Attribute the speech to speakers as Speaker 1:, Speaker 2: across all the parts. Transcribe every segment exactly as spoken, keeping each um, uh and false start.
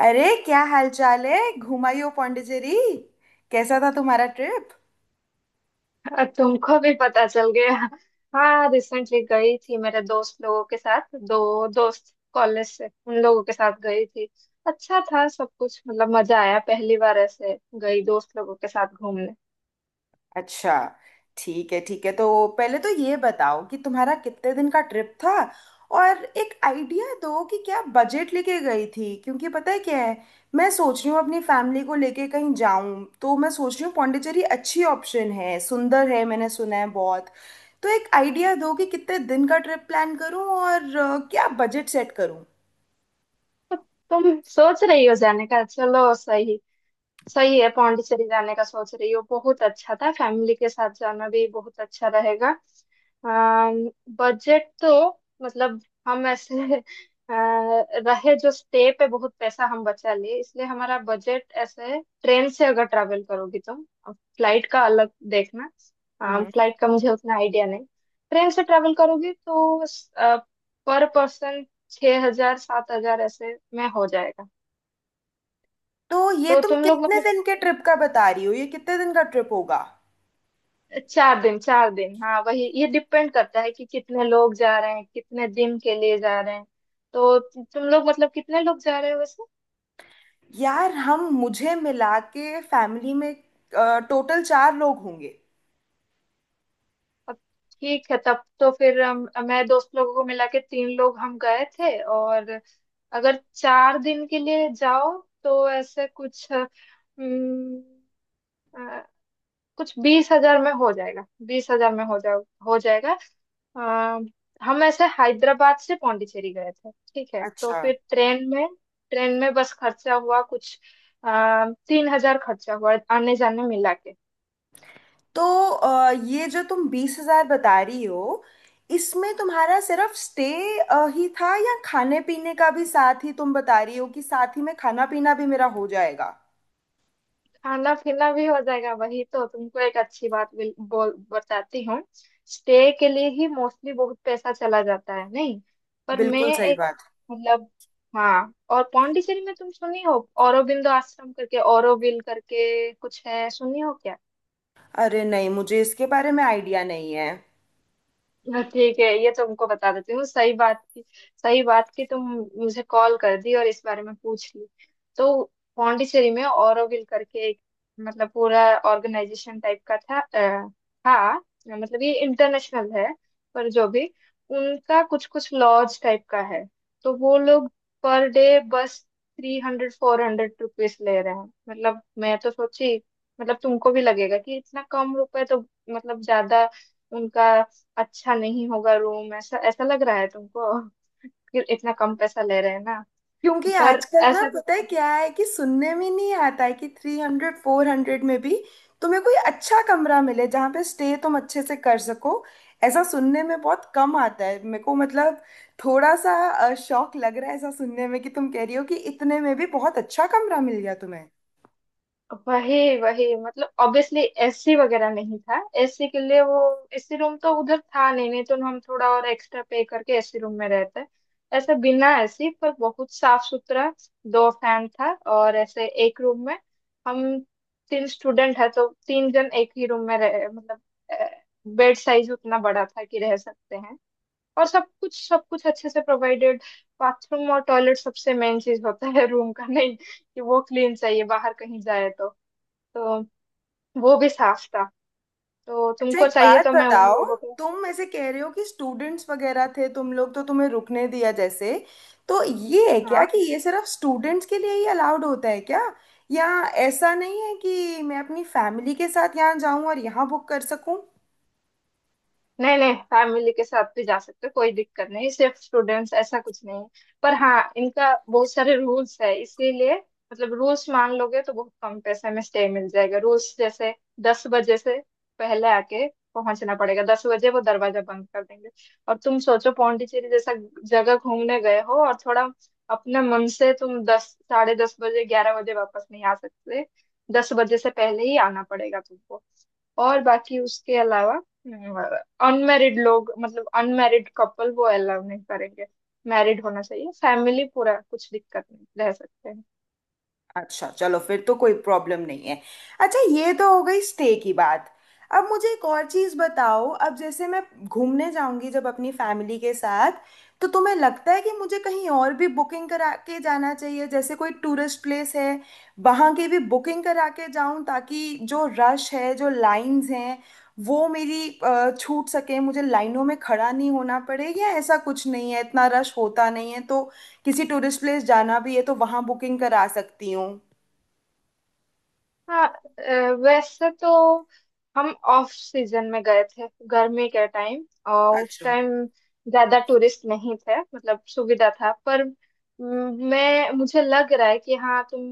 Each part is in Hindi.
Speaker 1: अरे क्या हाल चाल है। घुमाई हो पौंडीचेरी। कैसा था तुम्हारा ट्रिप?
Speaker 2: अ, तुमको भी पता चल गया। हाँ, रिसेंटली गई थी मेरे दोस्त लोगों के साथ, दो दोस्त कॉलेज से, उन लोगों के साथ गई थी। अच्छा था सब कुछ, मतलब मजा आया। पहली बार ऐसे गई दोस्त लोगों के साथ घूमने।
Speaker 1: अच्छा, ठीक है ठीक है तो पहले तो ये बताओ कि तुम्हारा कितने दिन का ट्रिप था। और एक आइडिया दो कि क्या बजट लेके गई थी, क्योंकि पता है क्या है, मैं सोच रही हूँ अपनी फैमिली को लेके कहीं जाऊं। तो मैं सोच रही हूँ पौंडीचेरी अच्छी ऑप्शन है, सुंदर है, मैंने सुना है बहुत। तो एक आइडिया दो कि कितने दिन का ट्रिप प्लान करूं और अ, क्या बजट सेट करूं।
Speaker 2: तो तुम सोच रही हो जाने का, चलो सही। सही है, पौंडीचेरी जाने का सोच रही हो। बहुत अच्छा था, फैमिली के साथ जाना भी बहुत अच्छा रहेगा। बजट तो, मतलब हम ऐसे अ, रहे जो स्टे पे, बहुत पैसा हम बचा लिए इसलिए। हमारा बजट ऐसे, ट्रेन से अगर ट्रैवल करोगी तुम। फ्लाइट का अलग देखना,
Speaker 1: हम्म।
Speaker 2: फ्लाइट का मुझे उतना आइडिया नहीं। ट्रेन से ट्रैवल करोगी तो पर पर्सन छह हजार सात हजार ऐसे में हो जाएगा।
Speaker 1: तो ये
Speaker 2: तो
Speaker 1: तुम
Speaker 2: तुम लोग
Speaker 1: कितने
Speaker 2: मतलब,
Speaker 1: दिन के ट्रिप का बता रही हो? ये कितने दिन का ट्रिप होगा?
Speaker 2: चार दिन। चार दिन, हाँ वही, ये डिपेंड करता है कि कितने लोग जा रहे हैं, कितने दिन के लिए जा रहे हैं। तो तु- तुम लोग मतलब कितने लोग जा रहे हो वैसे।
Speaker 1: यार, हम मुझे मिला के फैमिली में टोटल चार लोग होंगे।
Speaker 2: अब ठीक है। तब तो फिर हम मैं दोस्त लोगों को मिला के तीन लोग हम गए थे। और अगर चार दिन के लिए जाओ तो ऐसे कुछ हम्म, अ, कुछ बीस हजार में हो जाएगा। बीस हजार में हो जा हो जाएगा। अ, हम ऐसे हैदराबाद से पौंडीचेरी गए थे। ठीक है, तो
Speaker 1: अच्छा।
Speaker 2: फिर ट्रेन में ट्रेन में बस खर्चा हुआ कुछ आ, तीन हजार, खर्चा हुआ आने जाने मिला के।
Speaker 1: तो अ, ये जो तुम बीस हज़ार बता रही हो, इसमें तुम्हारा सिर्फ स्टे ही था, या खाने पीने का भी साथ ही तुम बता रही हो कि साथ ही में खाना पीना भी मेरा हो जाएगा?
Speaker 2: खाना पीना भी हो जाएगा। वही तो तुमको एक अच्छी बात बिल- बोल बताती हूँ। स्टे के लिए ही मोस्टली बहुत पैसा चला जाता है, नहीं? पर मैं
Speaker 1: बिल्कुल सही
Speaker 2: एक,
Speaker 1: बात।
Speaker 2: मतलब, हाँ। और पौंडीचेरी में तुम सुनी हो औरोबिंदो आश्रम करके, औरोबिल करके कुछ है, सुनी हो?
Speaker 1: अरे नहीं, मुझे इसके बारे में आइडिया नहीं है।
Speaker 2: हाँ, ठीक है, ये तुमको बता देती हूँ। सही बात की, सही बात की तुम मुझे कॉल कर दी और इस बारे में पूछ ली। तो पौंडीचेरी में ऑरोविल करके एक, मतलब पूरा ऑर्गेनाइजेशन टाइप का था। अ, था मतलब, ये इंटरनेशनल है। पर जो भी, उनका कुछ कुछ लॉज टाइप का है। तो वो लोग पर डे बस three hundred four hundred rupees ले रहे हैं। मतलब मैं तो सोची, मतलब तुमको भी लगेगा कि इतना कम रुपए तो मतलब ज्यादा उनका अच्छा नहीं होगा रूम, ऐसा ऐसा लग रहा है तुमको कि इतना कम पैसा ले रहे हैं ना।
Speaker 1: क्योंकि
Speaker 2: पर
Speaker 1: आजकल ना,
Speaker 2: ऐसा तो,
Speaker 1: पता है क्या है, कि सुनने में नहीं आता है कि थ्री हंड्रेड फोर हंड्रेड में भी तुम्हें कोई अच्छा कमरा मिले जहाँ पे स्टे तुम अच्छे से कर सको। ऐसा सुनने में बहुत कम आता है मेरे को। मतलब थोड़ा सा अ, शौक लग रहा है ऐसा सुनने में, कि तुम कह रही हो कि इतने में भी बहुत अच्छा कमरा मिल गया तुम्हें।
Speaker 2: वही वही, मतलब ऑब्वियसली एसी वगैरह नहीं था। एसी के लिए वो, एसी रूम तो उधर था नहीं, नहीं तो हम थोड़ा और एक्स्ट्रा पे करके एसी रूम में रहते। ऐसा बिना एसी, पर बहुत साफ सुथरा। दो फैन था, और ऐसे एक रूम में हम तीन स्टूडेंट है तो तीन जन एक ही रूम में रह, मतलब बेड साइज उतना बड़ा था कि रह सकते हैं। और सब कुछ सब कुछ अच्छे से प्रोवाइडेड। बाथरूम और टॉयलेट सबसे मेन चीज होता है रूम का, नहीं कि वो क्लीन चाहिए, बाहर कहीं जाए तो तो वो भी साफ था, तो
Speaker 1: अच्छा,
Speaker 2: तुमको
Speaker 1: एक
Speaker 2: चाहिए
Speaker 1: बात
Speaker 2: तो मैं उन
Speaker 1: बताओ।
Speaker 2: लोगों को।
Speaker 1: तुम ऐसे कह रहे हो कि स्टूडेंट्स वगैरह थे तुम लोग, तो तुम्हें रुकने दिया। जैसे तो ये है क्या,
Speaker 2: हाँ।
Speaker 1: कि ये सिर्फ स्टूडेंट्स के लिए ही अलाउड होता है क्या? या ऐसा नहीं है कि मैं अपनी फैमिली के साथ यहाँ जाऊँ और यहाँ बुक कर सकूँ?
Speaker 2: नहीं, नहीं, फैमिली के साथ भी जा सकते हो, कोई दिक्कत नहीं, सिर्फ स्टूडेंट्स ऐसा कुछ नहीं है। पर हाँ, इनका बहुत सारे रूल्स है इसीलिए। मतलब रूल्स मान लोगे तो बहुत कम पैसे में स्टे मिल जाएगा। रूल्स जैसे दस बजे से पहले आके पहुंचना पड़ेगा, दस बजे वो दरवाजा बंद कर देंगे। और तुम सोचो, पौंडीचेरी जैसा जगह घूमने गए हो और थोड़ा अपने मन से, तुम दस, साढ़े दस बजे, ग्यारह बजे वापस नहीं आ सकते। दस बजे से पहले ही आना पड़ेगा तुमको। और बाकी उसके अलावा अनमैरिड लोग, मतलब अनमैरिड कपल वो अलाउ नहीं करेंगे। मैरिड होना चाहिए, फैमिली पूरा, कुछ दिक्कत नहीं, रह सकते हैं।
Speaker 1: अच्छा, चलो फिर तो कोई प्रॉब्लम नहीं है। अच्छा, ये तो हो गई स्टे की बात। अब मुझे एक और चीज़ बताओ। अब जैसे मैं घूमने जाऊंगी जब अपनी फैमिली के साथ, तो तुम्हें लगता है कि मुझे कहीं और भी बुकिंग करा के जाना चाहिए? जैसे कोई टूरिस्ट प्लेस है, वहाँ की भी बुकिंग करा के जाऊं ताकि जो रश है, जो लाइंस हैं, वो मेरी अ, छूट सके, मुझे लाइनों में खड़ा नहीं होना पड़े। या ऐसा कुछ नहीं है, इतना रश होता नहीं है, तो किसी टूरिस्ट प्लेस जाना भी है तो वहां बुकिंग करा सकती हूँ।
Speaker 2: हाँ, अ, वैसे तो हम ऑफ सीजन में गए थे, गर्मी के टाइम, और उस
Speaker 1: अच्छा।
Speaker 2: टाइम ज्यादा टूरिस्ट नहीं थे, मतलब सुविधा था। पर म, मैं मुझे लग रहा है कि हाँ, तुम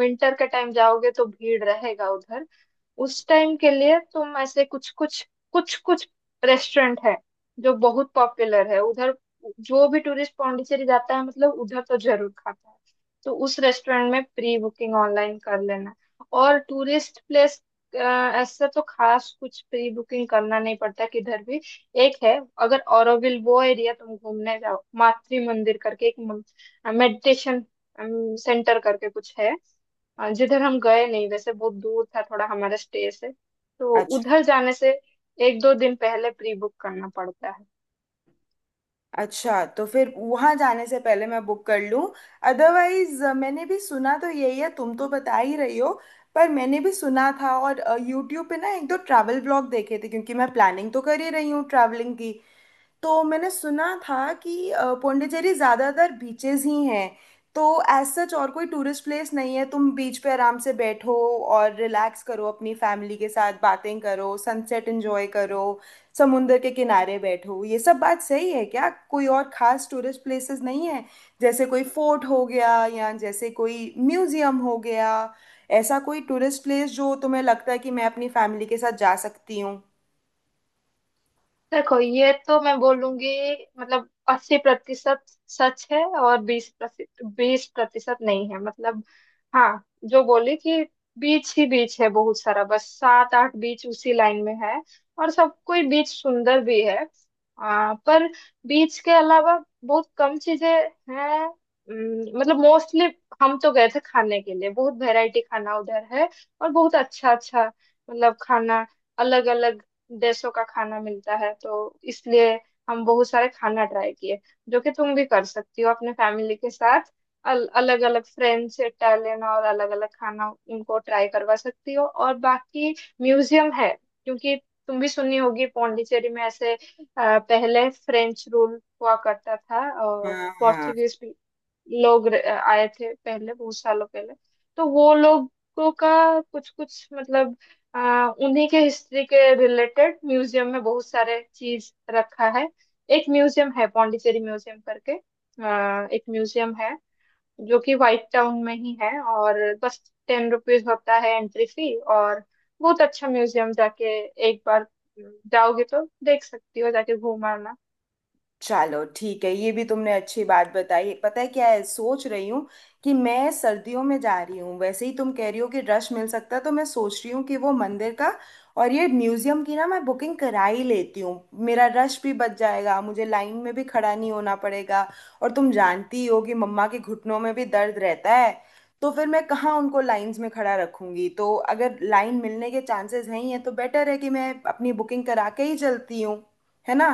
Speaker 2: विंटर के टाइम जाओगे तो भीड़ रहेगा उधर। उस टाइम के लिए तुम ऐसे कुछ कुछ कुछ कुछ रेस्टोरेंट है जो बहुत पॉपुलर है उधर, जो भी टूरिस्ट पांडिचेरी जाता है मतलब उधर तो जरूर खाता है। तो उस रेस्टोरेंट में प्री बुकिंग ऑनलाइन कर लेना। और टूरिस्ट प्लेस ऐसा तो खास कुछ प्री बुकिंग करना नहीं पड़ता किधर भी। एक है, अगर ऑरोविल वो एरिया तुम घूमने जाओ, मातृ मंदिर करके एक मेडिटेशन सेंटर करके कुछ है, अ, जिधर हम गए नहीं, वैसे बहुत दूर था थोड़ा हमारे स्टे से। तो
Speaker 1: अच्छा।
Speaker 2: उधर जाने से एक दो दिन पहले प्री बुक करना पड़ता है।
Speaker 1: अच्छा, तो फिर वहां जाने से पहले मैं बुक कर लूँ। अदरवाइज मैंने भी सुना तो यही है, तुम तो बता ही रही हो, पर मैंने भी सुना था। और यूट्यूब पे ना एक दो ट्रैवल ब्लॉग देखे थे, क्योंकि मैं प्लानिंग तो कर ही रही हूँ ट्रैवलिंग की। तो मैंने सुना था कि अ, पौंडीचेरी ज्यादातर बीचेस ही हैं। तो एज सच और कोई टूरिस्ट प्लेस नहीं है, तुम बीच पे आराम से बैठो और रिलैक्स करो अपनी फैमिली के साथ, बातें करो, सनसेट एंजॉय करो, समुंदर के किनारे बैठो। ये सब बात सही है क्या? कोई और खास टूरिस्ट प्लेसेस नहीं है जैसे कोई फोर्ट हो गया, या जैसे कोई म्यूजियम हो गया, ऐसा कोई टूरिस्ट प्लेस जो तुम्हें लगता है कि मैं अपनी फैमिली के साथ जा सकती हूँ?
Speaker 2: देखो ये तो मैं बोलूंगी, मतलब अस्सी प्रतिशत सच है और बीस बीस प्रतिशत नहीं है, मतलब। हाँ, जो बोली कि बीच ही बीच है बहुत सारा, बस सात आठ बीच उसी लाइन में है, और सब कोई बीच सुंदर भी है। आ, पर बीच के अलावा बहुत कम चीजें हैं, उम, मतलब मोस्टली हम तो गए थे खाने के लिए। बहुत वैरायटी खाना उधर है, और बहुत अच्छा अच्छा, मतलब खाना, अलग अलग देशों का खाना मिलता है, तो इसलिए हम बहुत सारे खाना ट्राई किए जो कि तुम भी कर सकती हो अपने फैमिली के साथ। अल, अलग अलग फ्रेंच इटालियन और अलग अलग खाना उनको ट्राई करवा सकती हो। और बाकी म्यूजियम है, क्योंकि तुम भी सुनी होगी पौंडीचेरी में ऐसे अ, पहले फ्रेंच रूल हुआ करता था
Speaker 1: हाँ
Speaker 2: और
Speaker 1: हाँ।
Speaker 2: पोर्चुगीज लोग र- आए थे पहले, बहुत सालों पहले। तो वो लोगों का कुछ कुछ, मतलब आ, उन्हीं के हिस्ट्री के रिलेटेड म्यूजियम में बहुत सारे चीज रखा है। एक म्यूजियम है पौंडीचेरी म्यूजियम करके, आ, एक म्यूजियम है जो कि व्हाइट टाउन में ही है, और बस टेन रुपीज होता है एंट्री फी। और बहुत अच्छा म्यूजियम, जाके एक बार जाओगे तो देख सकती हो, जाके घूम आना।
Speaker 1: चलो ठीक है, ये भी तुमने अच्छी बात बताई। पता है क्या है, सोच रही हूँ कि मैं सर्दियों में जा रही हूँ, वैसे ही तुम कह रही हो कि रश मिल सकता है, तो मैं सोच रही हूँ कि वो मंदिर का और ये म्यूजियम की ना, मैं बुकिंग करा ही लेती हूँ। मेरा रश भी बच जाएगा, मुझे लाइन में भी खड़ा नहीं होना पड़ेगा। और तुम जानती ही हो कि मम्मा के घुटनों में भी दर्द रहता है, तो फिर मैं कहाँ उनको लाइंस में खड़ा रखूंगी। तो अगर लाइन मिलने के चांसेस हैं ही हैं, तो बेटर है कि मैं अपनी बुकिंग करा के ही चलती हूँ, है ना?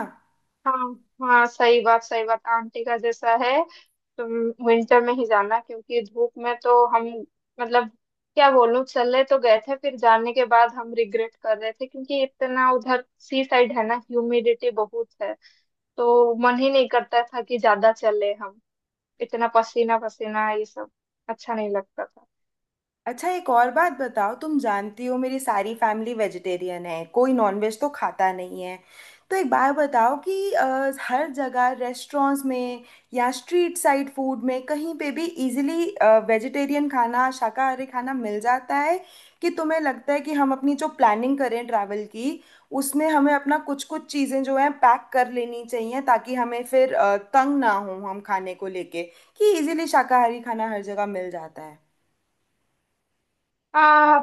Speaker 2: हाँ हाँ, सही बात, सही बात, आंटी का जैसा है। तुम विंटर में ही जाना, क्योंकि धूप में तो हम, मतलब क्या बोलूं, चले तो गए थे, फिर जाने के बाद हम रिग्रेट कर रहे थे क्योंकि इतना उधर सी साइड है ना, ह्यूमिडिटी बहुत है। तो मन ही नहीं करता था कि ज्यादा चले हम, इतना पसीना पसीना ये सब अच्छा नहीं लगता था।
Speaker 1: अच्छा, एक और बात बताओ। तुम जानती हो मेरी सारी फैमिली वेजिटेरियन है, कोई नॉनवेज तो खाता नहीं है। तो एक बात बताओ कि अ, हर जगह रेस्टोरेंट्स में या स्ट्रीट साइड फूड में कहीं पे भी इजीली वेजिटेरियन खाना, शाकाहारी खाना मिल जाता है? कि तुम्हें लगता है कि हम अपनी जो प्लानिंग करें ट्रैवल की, उसमें हमें अपना कुछ कुछ चीज़ें जो है पैक कर लेनी चाहिए, ताकि हमें फिर अ, तंग ना हो हम खाने को लेके? कि इजीली शाकाहारी खाना हर जगह मिल जाता है?
Speaker 2: आ,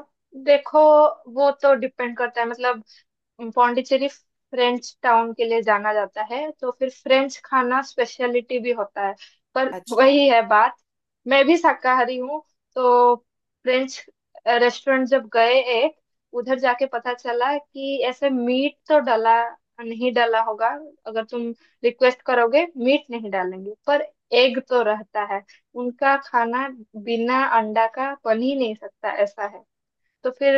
Speaker 2: देखो, वो तो डिपेंड करता है। मतलब पौंडीचेरी फ्रेंच टाउन के लिए जाना जाता है, तो फिर फ्रेंच खाना स्पेशलिटी भी होता है। पर
Speaker 1: अच्छा।
Speaker 2: वही है बात, मैं भी शाकाहारी हूँ। तो फ्रेंच रेस्टोरेंट जब गए एक, उधर जाके पता चला कि ऐसे मीट तो डाला, नहीं डाला होगा अगर तुम रिक्वेस्ट करोगे, मीट नहीं डालेंगे, पर एग तो रहता है। उनका खाना बिना अंडा का बन ही नहीं सकता, ऐसा है। तो फिर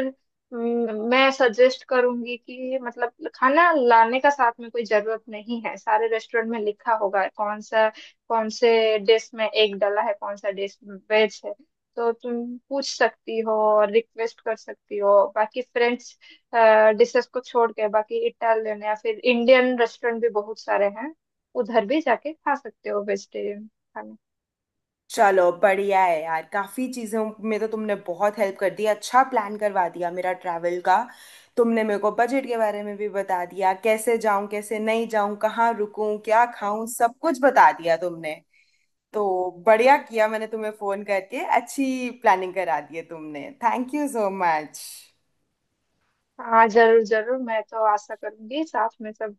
Speaker 2: हम्म, मैं सजेस्ट करूंगी कि मतलब खाना लाने का साथ में कोई जरूरत नहीं है। सारे रेस्टोरेंट में लिखा होगा कौन सा कौन से डिश में एग डला है, कौन सा डिश वेज है। तो तुम पूछ सकती हो और रिक्वेस्ट कर सकती हो। बाकी फ्रेंच डिशेस को छोड़ के बाकी इटालियन या फिर इंडियन रेस्टोरेंट भी बहुत सारे हैं, उधर भी जाके खा सकते हो वेजिटेरियन खाना।
Speaker 1: चलो बढ़िया है यार, काफ़ी चीज़ों में तो तुमने बहुत हेल्प कर दी, अच्छा प्लान करवा दिया मेरा ट्रैवल का। तुमने मेरे को बजट के बारे में भी बता दिया, कैसे जाऊं, कैसे नहीं जाऊं, कहाँ रुकूं, क्या खाऊं, सब कुछ बता दिया तुमने। तो बढ़िया किया मैंने तुम्हें फ़ोन करके, अच्छी प्लानिंग करा दी है तुमने, थैंक यू सो मच।
Speaker 2: हाँ जरूर जरूर, मैं तो आशा करूंगी, साथ में सब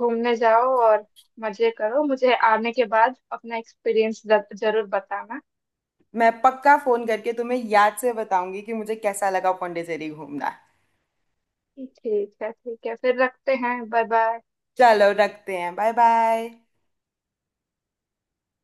Speaker 2: घूमने जाओ और मजे करो। मुझे आने के बाद अपना एक्सपीरियंस जरूर बताना।
Speaker 1: मैं पक्का फ़ोन करके तुम्हें याद से बताऊंगी कि मुझे कैसा लगा पौंडीचेरी घूमना।
Speaker 2: ठीक है, ठीक है, फिर रखते हैं। Bye bye.
Speaker 1: चलो रखते हैं, बाय बाय।